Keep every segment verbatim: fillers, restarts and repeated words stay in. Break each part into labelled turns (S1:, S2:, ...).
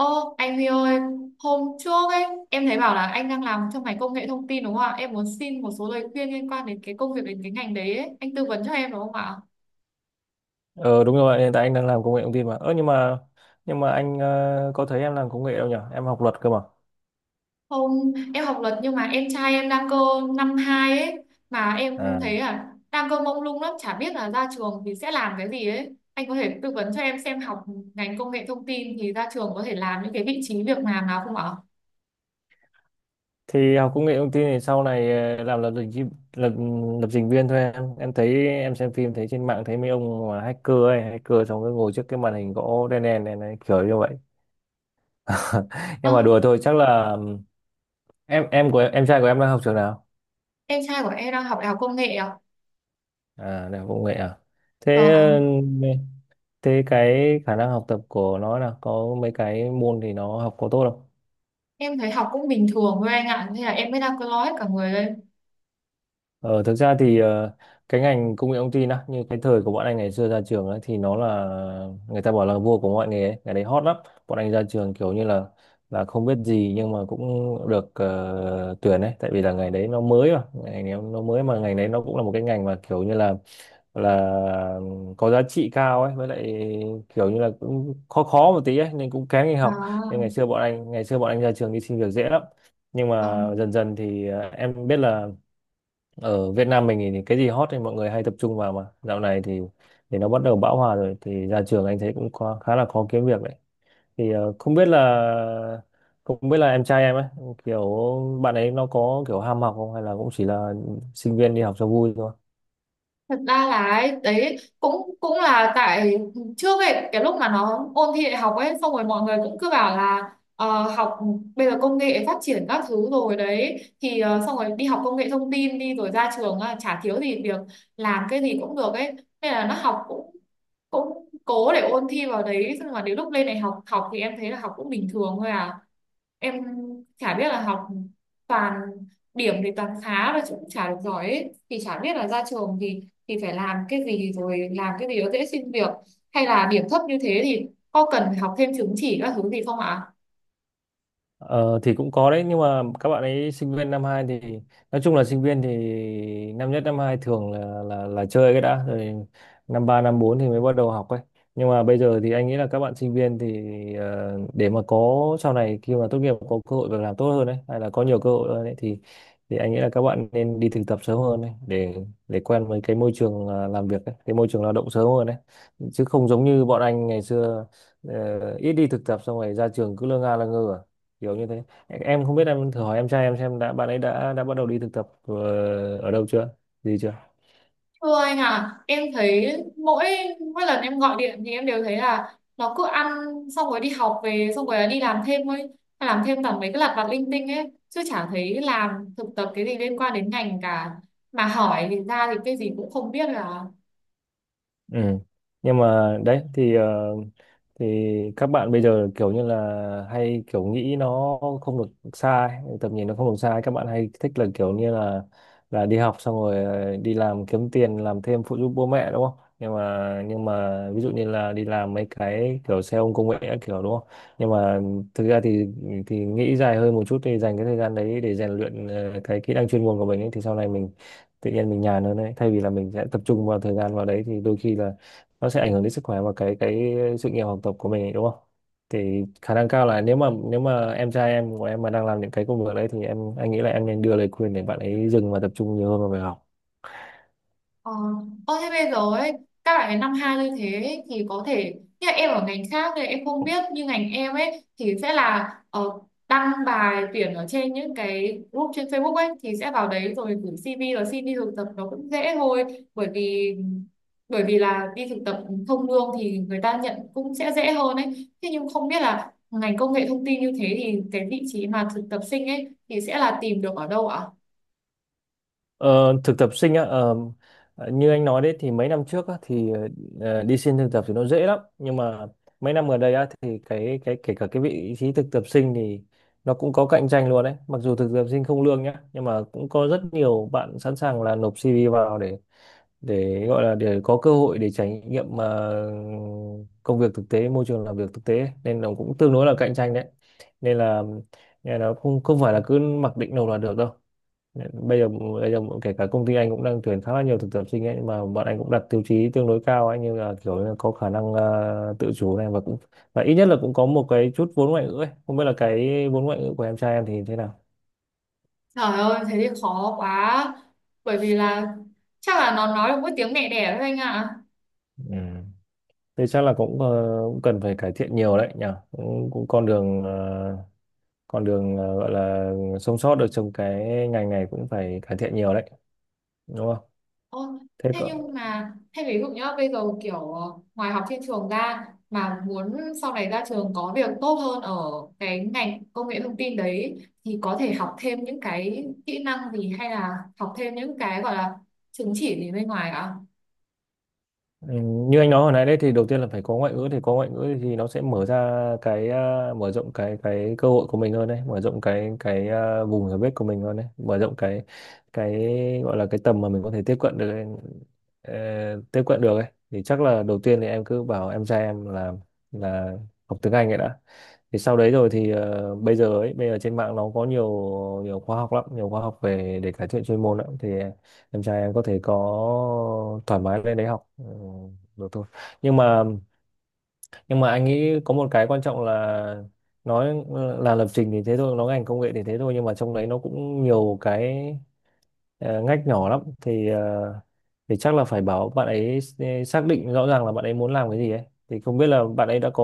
S1: Ô, anh Huy ơi, hôm trước ấy, em thấy bảo là anh đang làm trong ngành công nghệ thông tin đúng không ạ? Em muốn xin một số lời khuyên liên quan đến cái công việc đến cái ngành đấy ấy. Anh tư vấn cho em đúng không ạ?
S2: Ờ, đúng rồi, hiện tại anh đang làm công nghệ thông tin mà. Ơ nhưng mà nhưng mà anh ờ, có thấy em làm công nghệ đâu nhỉ? Em học luật cơ mà.
S1: Hôm em học luật nhưng mà em trai em đang cơ năm hai ấy, mà em
S2: À.
S1: thấy là đang cơ mông lung lắm, chả biết là ra trường thì sẽ làm cái gì ấy. Anh có thể tư vấn cho em xem học ngành công nghệ thông tin thì ra trường có thể làm những cái vị trí việc làm nào không ạ?
S2: Thì học công nghệ thông tin thì sau này ờ, làm lập trình chi- lập lập trình viên thôi em. Em thấy em xem phim thấy trên mạng thấy mấy ông mà hacker ấy, hacker xong rồi ngồi trước cái màn hình gỗ đen đen này, này kiểu như vậy.
S1: Ơ,
S2: Nhưng mà đùa thôi, chắc là em em của em trai của em đang học trường nào?
S1: em trai của em đang học đại học công nghệ ạ?
S2: À, đại học công nghệ à? thế
S1: Vâng ạ.
S2: ừ, thế cái khả năng học tập của nó là có mấy cái môn thì nó học có tốt không?
S1: Em thấy học cũng bình thường thôi anh ạ, thế là em mới đang cơ lo hết cả người lên.
S2: Ờ, thực ra thì ờ, cái ngành công nghệ thông tin á, như cái thời của bọn anh ngày xưa ra trường ấy, thì nó là người ta bảo là vua của mọi nghề ấy. Cái đấy hot lắm. Bọn anh ra trường kiểu như là là không biết gì nhưng mà cũng được ờ, tuyển ấy, tại vì là ngày đấy nó mới mà ngày đấy nó mới mà ngày đấy nó cũng là một cái ngành mà kiểu như là là có giá trị cao ấy, với lại kiểu như là cũng khó khó một tí ấy nên cũng kén đi
S1: À,
S2: học. Nên ngày xưa bọn anh ngày xưa bọn anh ra trường đi xin việc dễ lắm, nhưng mà
S1: vâng.
S2: dần dần thì ờ, em biết là ở Việt Nam mình thì cái gì hot thì mọi người hay tập trung vào, mà dạo này thì thì nó bắt đầu bão hòa rồi thì ra trường anh thấy cũng khó, khá là khó kiếm việc đấy. Thì ờ, không biết là không biết là em trai em ấy, kiểu bạn ấy nó có kiểu ham học không hay là cũng chỉ là sinh viên đi học cho vui thôi.
S1: Thật ra là ấy, đấy cũng cũng là tại trước ấy cái lúc mà nó ôn thi đại học ấy xong rồi mọi người cũng cứ bảo là ờ, học bây giờ công nghệ phát triển các thứ rồi đấy thì ờ, xong rồi đi học công nghệ thông tin đi rồi ra trường, ờ, chả thiếu gì việc, làm cái gì cũng được ấy, nên là nó học cũng cũng cố để ôn thi vào đấy. Nhưng mà đến lúc lên đại học học thì em thấy là học cũng bình thường thôi à. Em chả biết là học toàn, điểm thì toàn khá và cũng chả được giỏi ấy. Thì chả biết là ra trường thì thì phải làm cái gì, rồi làm cái gì nó dễ xin việc, hay là điểm thấp như thế thì có cần phải học thêm chứng chỉ các thứ gì không ạ?
S2: Ờ, thì cũng có đấy, nhưng mà các bạn ấy sinh viên năm hai thì nói chung là sinh viên thì năm nhất năm hai thường là là là chơi cái đã rồi, năm ba năm bốn thì mới bắt đầu học ấy. Nhưng mà bây giờ thì anh nghĩ là các bạn sinh viên thì ờ, để mà có sau này khi mà tốt nghiệp có cơ hội việc làm tốt hơn đấy, hay là có nhiều cơ hội hơn ấy, thì thì anh nghĩ là các bạn nên đi thực tập sớm hơn đấy, để để quen với cái môi trường ờ, làm việc ấy, cái môi trường lao động sớm hơn đấy. Chứ không giống như bọn anh ngày xưa, ờ, ít đi thực tập xong rồi ra trường cứ lơ nga lơ ngơ à, kiểu như thế. Em không biết, em thử hỏi em trai em xem đã, bạn ấy đã đã bắt đầu đi thực tập ờ, ở đâu chưa, gì chưa.
S1: Thưa anh à, em thấy mỗi mỗi lần em gọi điện thì em đều thấy là nó cứ ăn xong rồi đi học về xong rồi đi làm thêm ấy, làm thêm toàn mấy cái lặt vặt linh tinh ấy chứ chả thấy làm thực tập cái gì liên quan đến ngành cả, mà hỏi thì ra thì cái gì cũng không biết là.
S2: Ừ. Nhưng mà đấy thì ờ, thì các bạn bây giờ kiểu như là hay kiểu nghĩ nó không được sai, tầm nhìn nó không được sai, các bạn hay thích là kiểu như là là đi học xong rồi ờ, đi làm kiếm tiền làm thêm phụ giúp bố mẹ đúng không? Nhưng mà nhưng mà ví dụ như là đi làm mấy cái kiểu xe ôm công nghệ các kiểu đúng không? Nhưng mà thực ra thì thì nghĩ dài hơn một chút thì dành cái thời gian đấy để rèn luyện ờ, cái kỹ năng chuyên môn của mình ấy, thì sau này mình tự nhiên mình nhàn hơn đấy, thay vì là mình sẽ tập trung vào thời gian vào đấy thì đôi khi là nó sẽ ảnh hưởng đến sức khỏe và cái cái sự nghiệp học tập của mình ấy, đúng không? Thì khả năng cao là nếu mà nếu mà em trai em của em mà đang làm những cái công việc đấy thì em anh nghĩ là em nên đưa lời khuyên để bạn ấy dừng và tập trung nhiều hơn vào việc học.
S1: Ờ, ơ thế bây giờ ấy các bạn ấy năm hai như thế ấy, thì có thể như là em ở ngành khác thì em không biết, như ngành em ấy thì sẽ là ờ, đăng bài tuyển ở trên những cái group trên Facebook ấy, thì sẽ vào đấy rồi gửi xê vê rồi xin đi thực tập nó cũng dễ thôi, bởi vì bởi vì là đi thực tập không lương thì người ta nhận cũng sẽ dễ hơn ấy. Thế nhưng không biết là ngành công nghệ thông tin như thế thì cái vị trí mà thực tập sinh ấy thì sẽ là tìm được ở đâu ạ?
S2: Ờ, thực tập sinh á, ờ, như anh nói đấy thì mấy năm trước á, thì ờ, đi xin thực tập thì nó dễ lắm, nhưng mà mấy năm gần đây á, thì cái cái kể cả cái vị trí thực tập sinh thì nó cũng có cạnh tranh luôn đấy, mặc dù thực tập sinh không lương nhá, nhưng mà cũng có rất nhiều bạn sẵn sàng là nộp xê vê vào để để gọi là để có cơ hội để trải nghiệm ờ, công việc thực tế, môi trường làm việc thực tế, nên nó cũng tương đối là cạnh tranh đấy. Nên là nên là không không phải là cứ mặc định nộp là được đâu. Bây giờ bây giờ kể cả công ty anh cũng đang tuyển khá là nhiều thực tập sinh ấy, mà bọn anh cũng đặt tiêu chí tương đối cao ấy, như là kiểu như là có khả năng ờ, tự chủ này, và cũng và ít nhất là cũng có một cái chút vốn ngoại ngữ ấy. Không biết là cái vốn ngoại ngữ của em trai em thì thế nào.
S1: Trời ơi, thế thì khó quá. Bởi vì là chắc là nó nói được mỗi tiếng mẹ đẻ thôi anh ạ.
S2: Ừ. Thế chắc là cũng, ờ, cũng cần phải cải thiện nhiều đấy nhỉ. Cũng, cũng con đường ờ, con đường ờ, gọi là sống sót được trong cái ngành này cũng phải cải thiện nhiều đấy, đúng không.
S1: Ôi,
S2: Thế
S1: thế
S2: cỡ.
S1: nhưng mà, thế ví dụ nhá, bây giờ kiểu ờ, ngoài học trên trường ra mà muốn sau này ra trường có việc tốt hơn ở cái ngành công nghệ thông tin đấy, thì có thể học thêm những cái kỹ năng gì, hay là học thêm những cái gọi là chứng chỉ gì bên ngoài ạ?
S2: Ừ, như anh nói hồi nãy đấy thì đầu tiên là phải có ngoại ngữ, thì có ngoại ngữ thì nó sẽ mở ra cái à, mở rộng cái cái cơ hội của mình hơn đấy, mở rộng cái cái à, vùng hiểu biết của mình hơn đấy, mở rộng cái cái gọi là cái tầm mà mình có thể tiếp cận được ấy, ờ, tiếp cận được ấy thì chắc là đầu tiên thì em cứ bảo em trai em là là học tiếng Anh ấy đã. Thì sau đấy rồi thì ờ, bây giờ ấy, bây giờ trên mạng nó có nhiều nhiều khóa học lắm, nhiều khóa học về để cải thiện chuyên môn lắm, thì em trai em có thể có thoải mái lên đấy học ừ, được thôi. Nhưng mà nhưng mà anh nghĩ có một cái quan trọng là nói ừ, là lập trình thì thế thôi, nói ngành công nghệ thì thế thôi, nhưng mà trong đấy nó cũng nhiều cái ờ, ngách nhỏ lắm, thì ờ, thì chắc là phải bảo bạn ấy ừ, xác định rõ ràng là bạn ấy muốn làm cái gì ấy. Thì không biết là bạn ấy đã có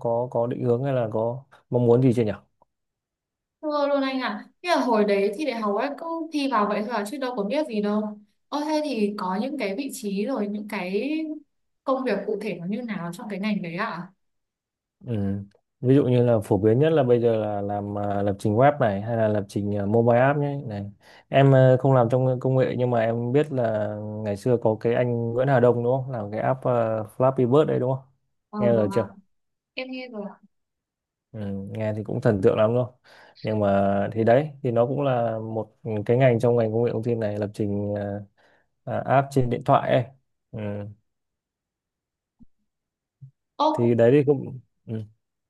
S2: có có định hướng hay là có mong muốn gì chưa nhỉ.
S1: Thưa luôn anh ạ, thế là hồi đấy thi đại học ấy cứ thi vào vậy thôi à, chứ đâu có biết gì đâu. Ơ thế thì có những cái vị trí rồi những cái công việc cụ thể nó như nào trong cái ngành đấy ạ? À?
S2: Ừ. Ví dụ như là phổ biến nhất là bây giờ là làm à, lập trình web này, hay là lập trình à, mobile app nhé này. Em à, không làm trong công nghệ nhưng mà em biết là ngày xưa có cái anh Nguyễn Hà Đông đúng không, làm cái app à, Flappy Bird đấy đúng không,
S1: Ờ
S2: nghe rồi
S1: vâng ạ,
S2: chưa.
S1: em nghe rồi ạ.
S2: Ừ, nghe thì cũng thần tượng lắm luôn. Nhưng mà thì đấy thì nó cũng là một cái ngành trong ngành công nghệ thông tin này, lập trình à, à, app trên điện thoại ấy. Ừ.
S1: Ô,
S2: Thì đấy thì cũng. Ừ.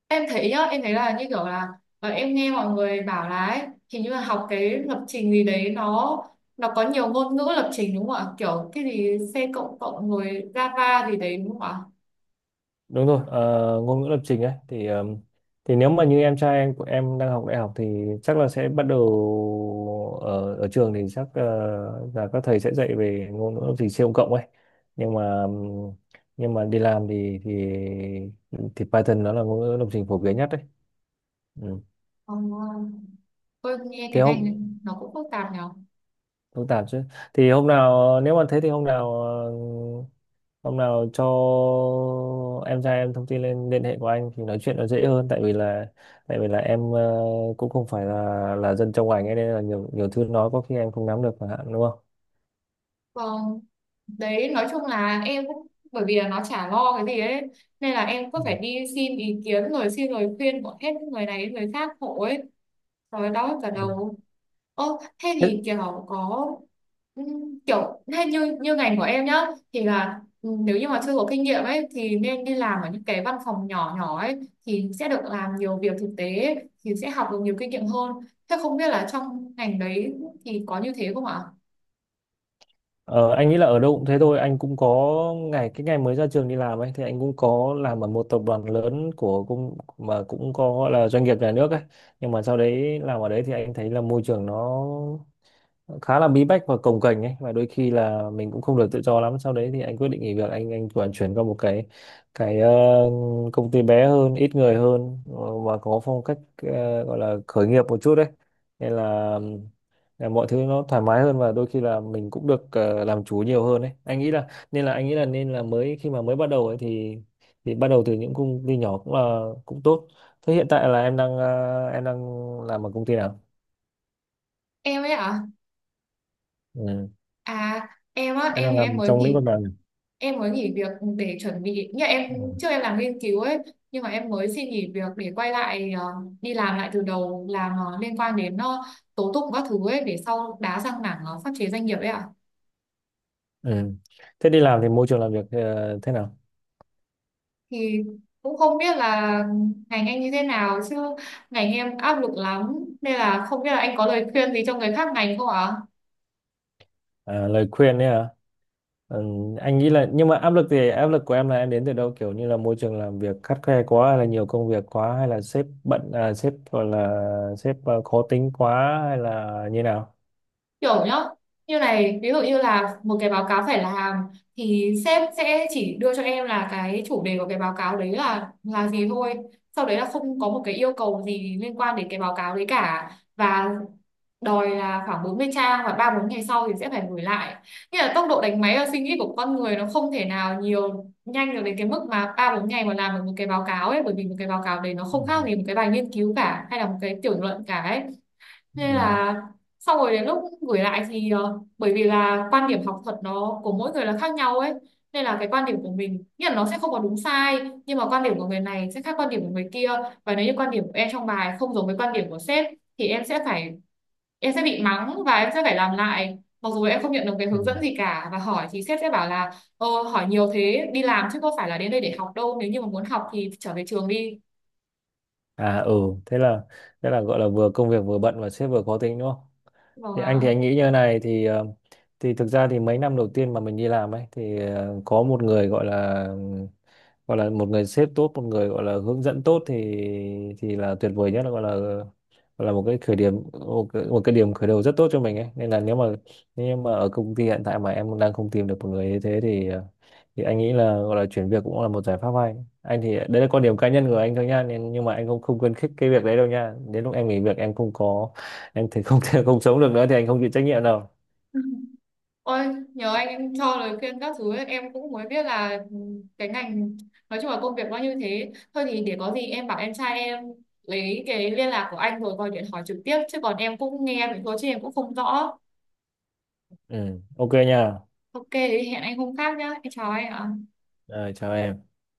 S1: em thấy nhá, em thấy là như kiểu là ờ, em nghe mọi người bảo là ấy, hình như là học cái lập trình gì đấy, nó nó có nhiều ngôn ngữ lập trình đúng không ạ? Kiểu cái gì C cộng cộng rồi Java gì đấy đúng không ạ?
S2: Đúng rồi, ờ, ngôn ngữ lập trình ấy thì ờm, thì nếu mà như em trai em của em đang học đại học thì chắc là sẽ bắt đầu ở ở trường thì chắc ờ, là các thầy sẽ dạy về ngôn ngữ lập trình C cộng ấy. Nhưng mà ừm, nhưng mà đi làm thì thì thì Python nó là ngôn ngữ lập trình phổ biến nhất đấy. Ừ.
S1: Ờ, ôi nghe
S2: thế
S1: cái ngành
S2: hôm
S1: này nó cũng phức tạp nhở.
S2: Phức tạp chứ. Thì hôm nào nếu mà thế thì hôm nào ờ, hôm nào cho em trai em thông tin lên liên hệ của anh thì nói chuyện nó dễ hơn, tại vì là tại vì là em ờ, cũng không phải là là dân trong ngành ấy, nên là nhiều nhiều thứ nói có khi em không nắm được chẳng hạn, đúng không.
S1: Vâng, đấy nói chung là em cũng bởi vì là nó chả lo cái gì ấy, nên là em cứ
S2: Ừ.
S1: phải đi xin ý kiến rồi xin lời khuyên của hết người này đến người khác hộ ấy, rồi đau cả
S2: Ừ.
S1: đầu. Ô thế
S2: Thế,
S1: thì kiểu có ừm, kiểu thế như như ngành của em nhá, thì là ừm, nếu như mà chưa có kinh nghiệm ấy thì nên đi làm ở những cái văn phòng nhỏ nhỏ ấy, thì sẽ được làm nhiều việc thực tế ấy, thì sẽ học được nhiều kinh nghiệm hơn. Thế không biết là trong ngành đấy thì có như thế không ạ?
S2: ờ, anh nghĩ là ở đâu cũng thế thôi, anh cũng có ngày cái ngày mới ra trường đi làm ấy thì anh cũng có làm ở một tập đoàn lớn của cũng, mà cũng có gọi là doanh nghiệp nhà nước ấy, nhưng mà sau đấy làm ở đấy thì anh thấy là môi trường nó khá là bí bách và cồng kềnh ấy, và đôi khi là mình cũng không được tự do lắm, sau đấy thì anh quyết định nghỉ việc. Anh anh chuyển chuyển qua một cái cái ờ, công ty bé hơn, ít người hơn ờ, và có phong cách ờ, gọi là khởi nghiệp một chút đấy, nên là, ừm, là mọi thứ nó thoải mái hơn và đôi khi là mình cũng được ờ, làm chủ nhiều hơn đấy. Anh nghĩ là nên là anh nghĩ là nên là mới khi mà mới bắt đầu ấy thì thì bắt đầu từ những công ty nhỏ cũng là cũng tốt. Thế hiện tại là em đang ờ, em đang làm ở công ty nào.
S1: Em ấy ạ?
S2: Ừ.
S1: À, em á
S2: Em
S1: em
S2: đang
S1: thì em
S2: làm
S1: mới
S2: trong lĩnh
S1: nghỉ
S2: vực nào nhỉ?
S1: em mới nghỉ việc để chuẩn bị, như em
S2: Ừ.
S1: trước em làm nghiên cứu ấy, nhưng mà em mới xin nghỉ việc để quay lại ờ, đi làm lại từ đầu, làm ờ, liên quan đến ờ, tố tụng các thứ ấy, để sau đá sang mảng ờ, pháp chế doanh nghiệp ấy ạ.
S2: Ừ. Thế đi làm thì môi trường làm việc ờ, thế nào?
S1: Thì cũng không biết là ngành anh như thế nào chứ ngành em áp lực lắm, nên là không biết là anh có lời khuyên gì cho người khác ngành không ạ?
S2: À, lời khuyên ấy hả? Ừ, anh nghĩ là, nhưng mà áp lực thì áp lực của em là em đến từ đâu, kiểu như là môi trường làm việc khắt khe quá hay là nhiều công việc quá, hay là sếp bận à, sếp gọi là sếp ờ, khó tính quá hay là như nào?
S1: Kiểu nhá, như này ví dụ như là một cái báo cáo phải làm, thì sếp sẽ chỉ đưa cho em là cái chủ đề của cái báo cáo đấy là là gì thôi, sau đấy là không có một cái yêu cầu gì liên quan đến cái báo cáo đấy cả, và đòi là khoảng bốn mươi trang và ba bốn ngày sau thì sẽ phải gửi lại. Nghĩa là tốc độ đánh máy và suy nghĩ của con người nó không thể nào nhiều nhanh được đến cái mức mà ba bốn ngày mà làm được một cái báo cáo ấy, bởi vì một cái báo cáo đấy nó
S2: Ừ.
S1: không khác gì một cái bài nghiên cứu cả hay là một cái tiểu luận cả ấy. Nên
S2: Ừ.
S1: là sau rồi đến lúc gửi lại thì ờ, bởi vì là quan điểm học thuật nó của mỗi người là khác nhau ấy, nên là cái quan điểm của mình nghĩa là nó sẽ không có đúng sai, nhưng mà quan điểm của người này sẽ khác quan điểm của người kia. Và nếu như quan điểm của em trong bài không giống với quan điểm của sếp, thì em sẽ phải em sẽ bị mắng và em sẽ phải làm lại, mặc dù em không nhận được cái
S2: Ừ.
S1: hướng dẫn gì cả, và hỏi thì sếp sẽ bảo là ờ, hỏi nhiều thế, đi làm chứ có phải là đến đây để học đâu, nếu như mà muốn học thì trở về trường đi.
S2: À, ừ, thế là thế là gọi là vừa công việc vừa bận và sếp vừa khó tính đúng không?
S1: Vâng
S2: Thì anh thì
S1: ạ.
S2: anh nghĩ như thế này thì ờ, thì thực ra thì mấy năm đầu tiên mà mình đi làm ấy thì ờ, có một người gọi là gọi là một người sếp tốt, một người gọi là hướng dẫn tốt thì thì là tuyệt vời nhất, gọi là gọi là một cái khởi điểm, một cái, một cái điểm khởi đầu rất tốt cho mình ấy, nên là nếu mà nếu mà ở công ty hiện tại mà em đang không tìm được một người như thế thì thì anh nghĩ là gọi là chuyển việc cũng là một giải pháp hay. Anh thì đấy là quan điểm cá nhân của anh thôi nha, nên nhưng mà anh không không khuyến khích cái việc đấy đâu nha, đến lúc em nghỉ việc em không có em thì không thể không sống được nữa thì anh không chịu trách nhiệm đâu.
S1: Ôi, nhờ anh em cho lời khuyên các thứ ấy, em cũng mới biết là cái ngành, nói chung là công việc nó như thế thôi, thì để có gì em bảo em trai em lấy cái liên lạc của anh rồi gọi điện hỏi trực tiếp, chứ còn em cũng nghe vậy thôi chứ em cũng không rõ.
S2: Ừ, ok nha.
S1: Ok thì hẹn anh hôm khác nhá, em chào anh ạ.
S2: Rồi chào em.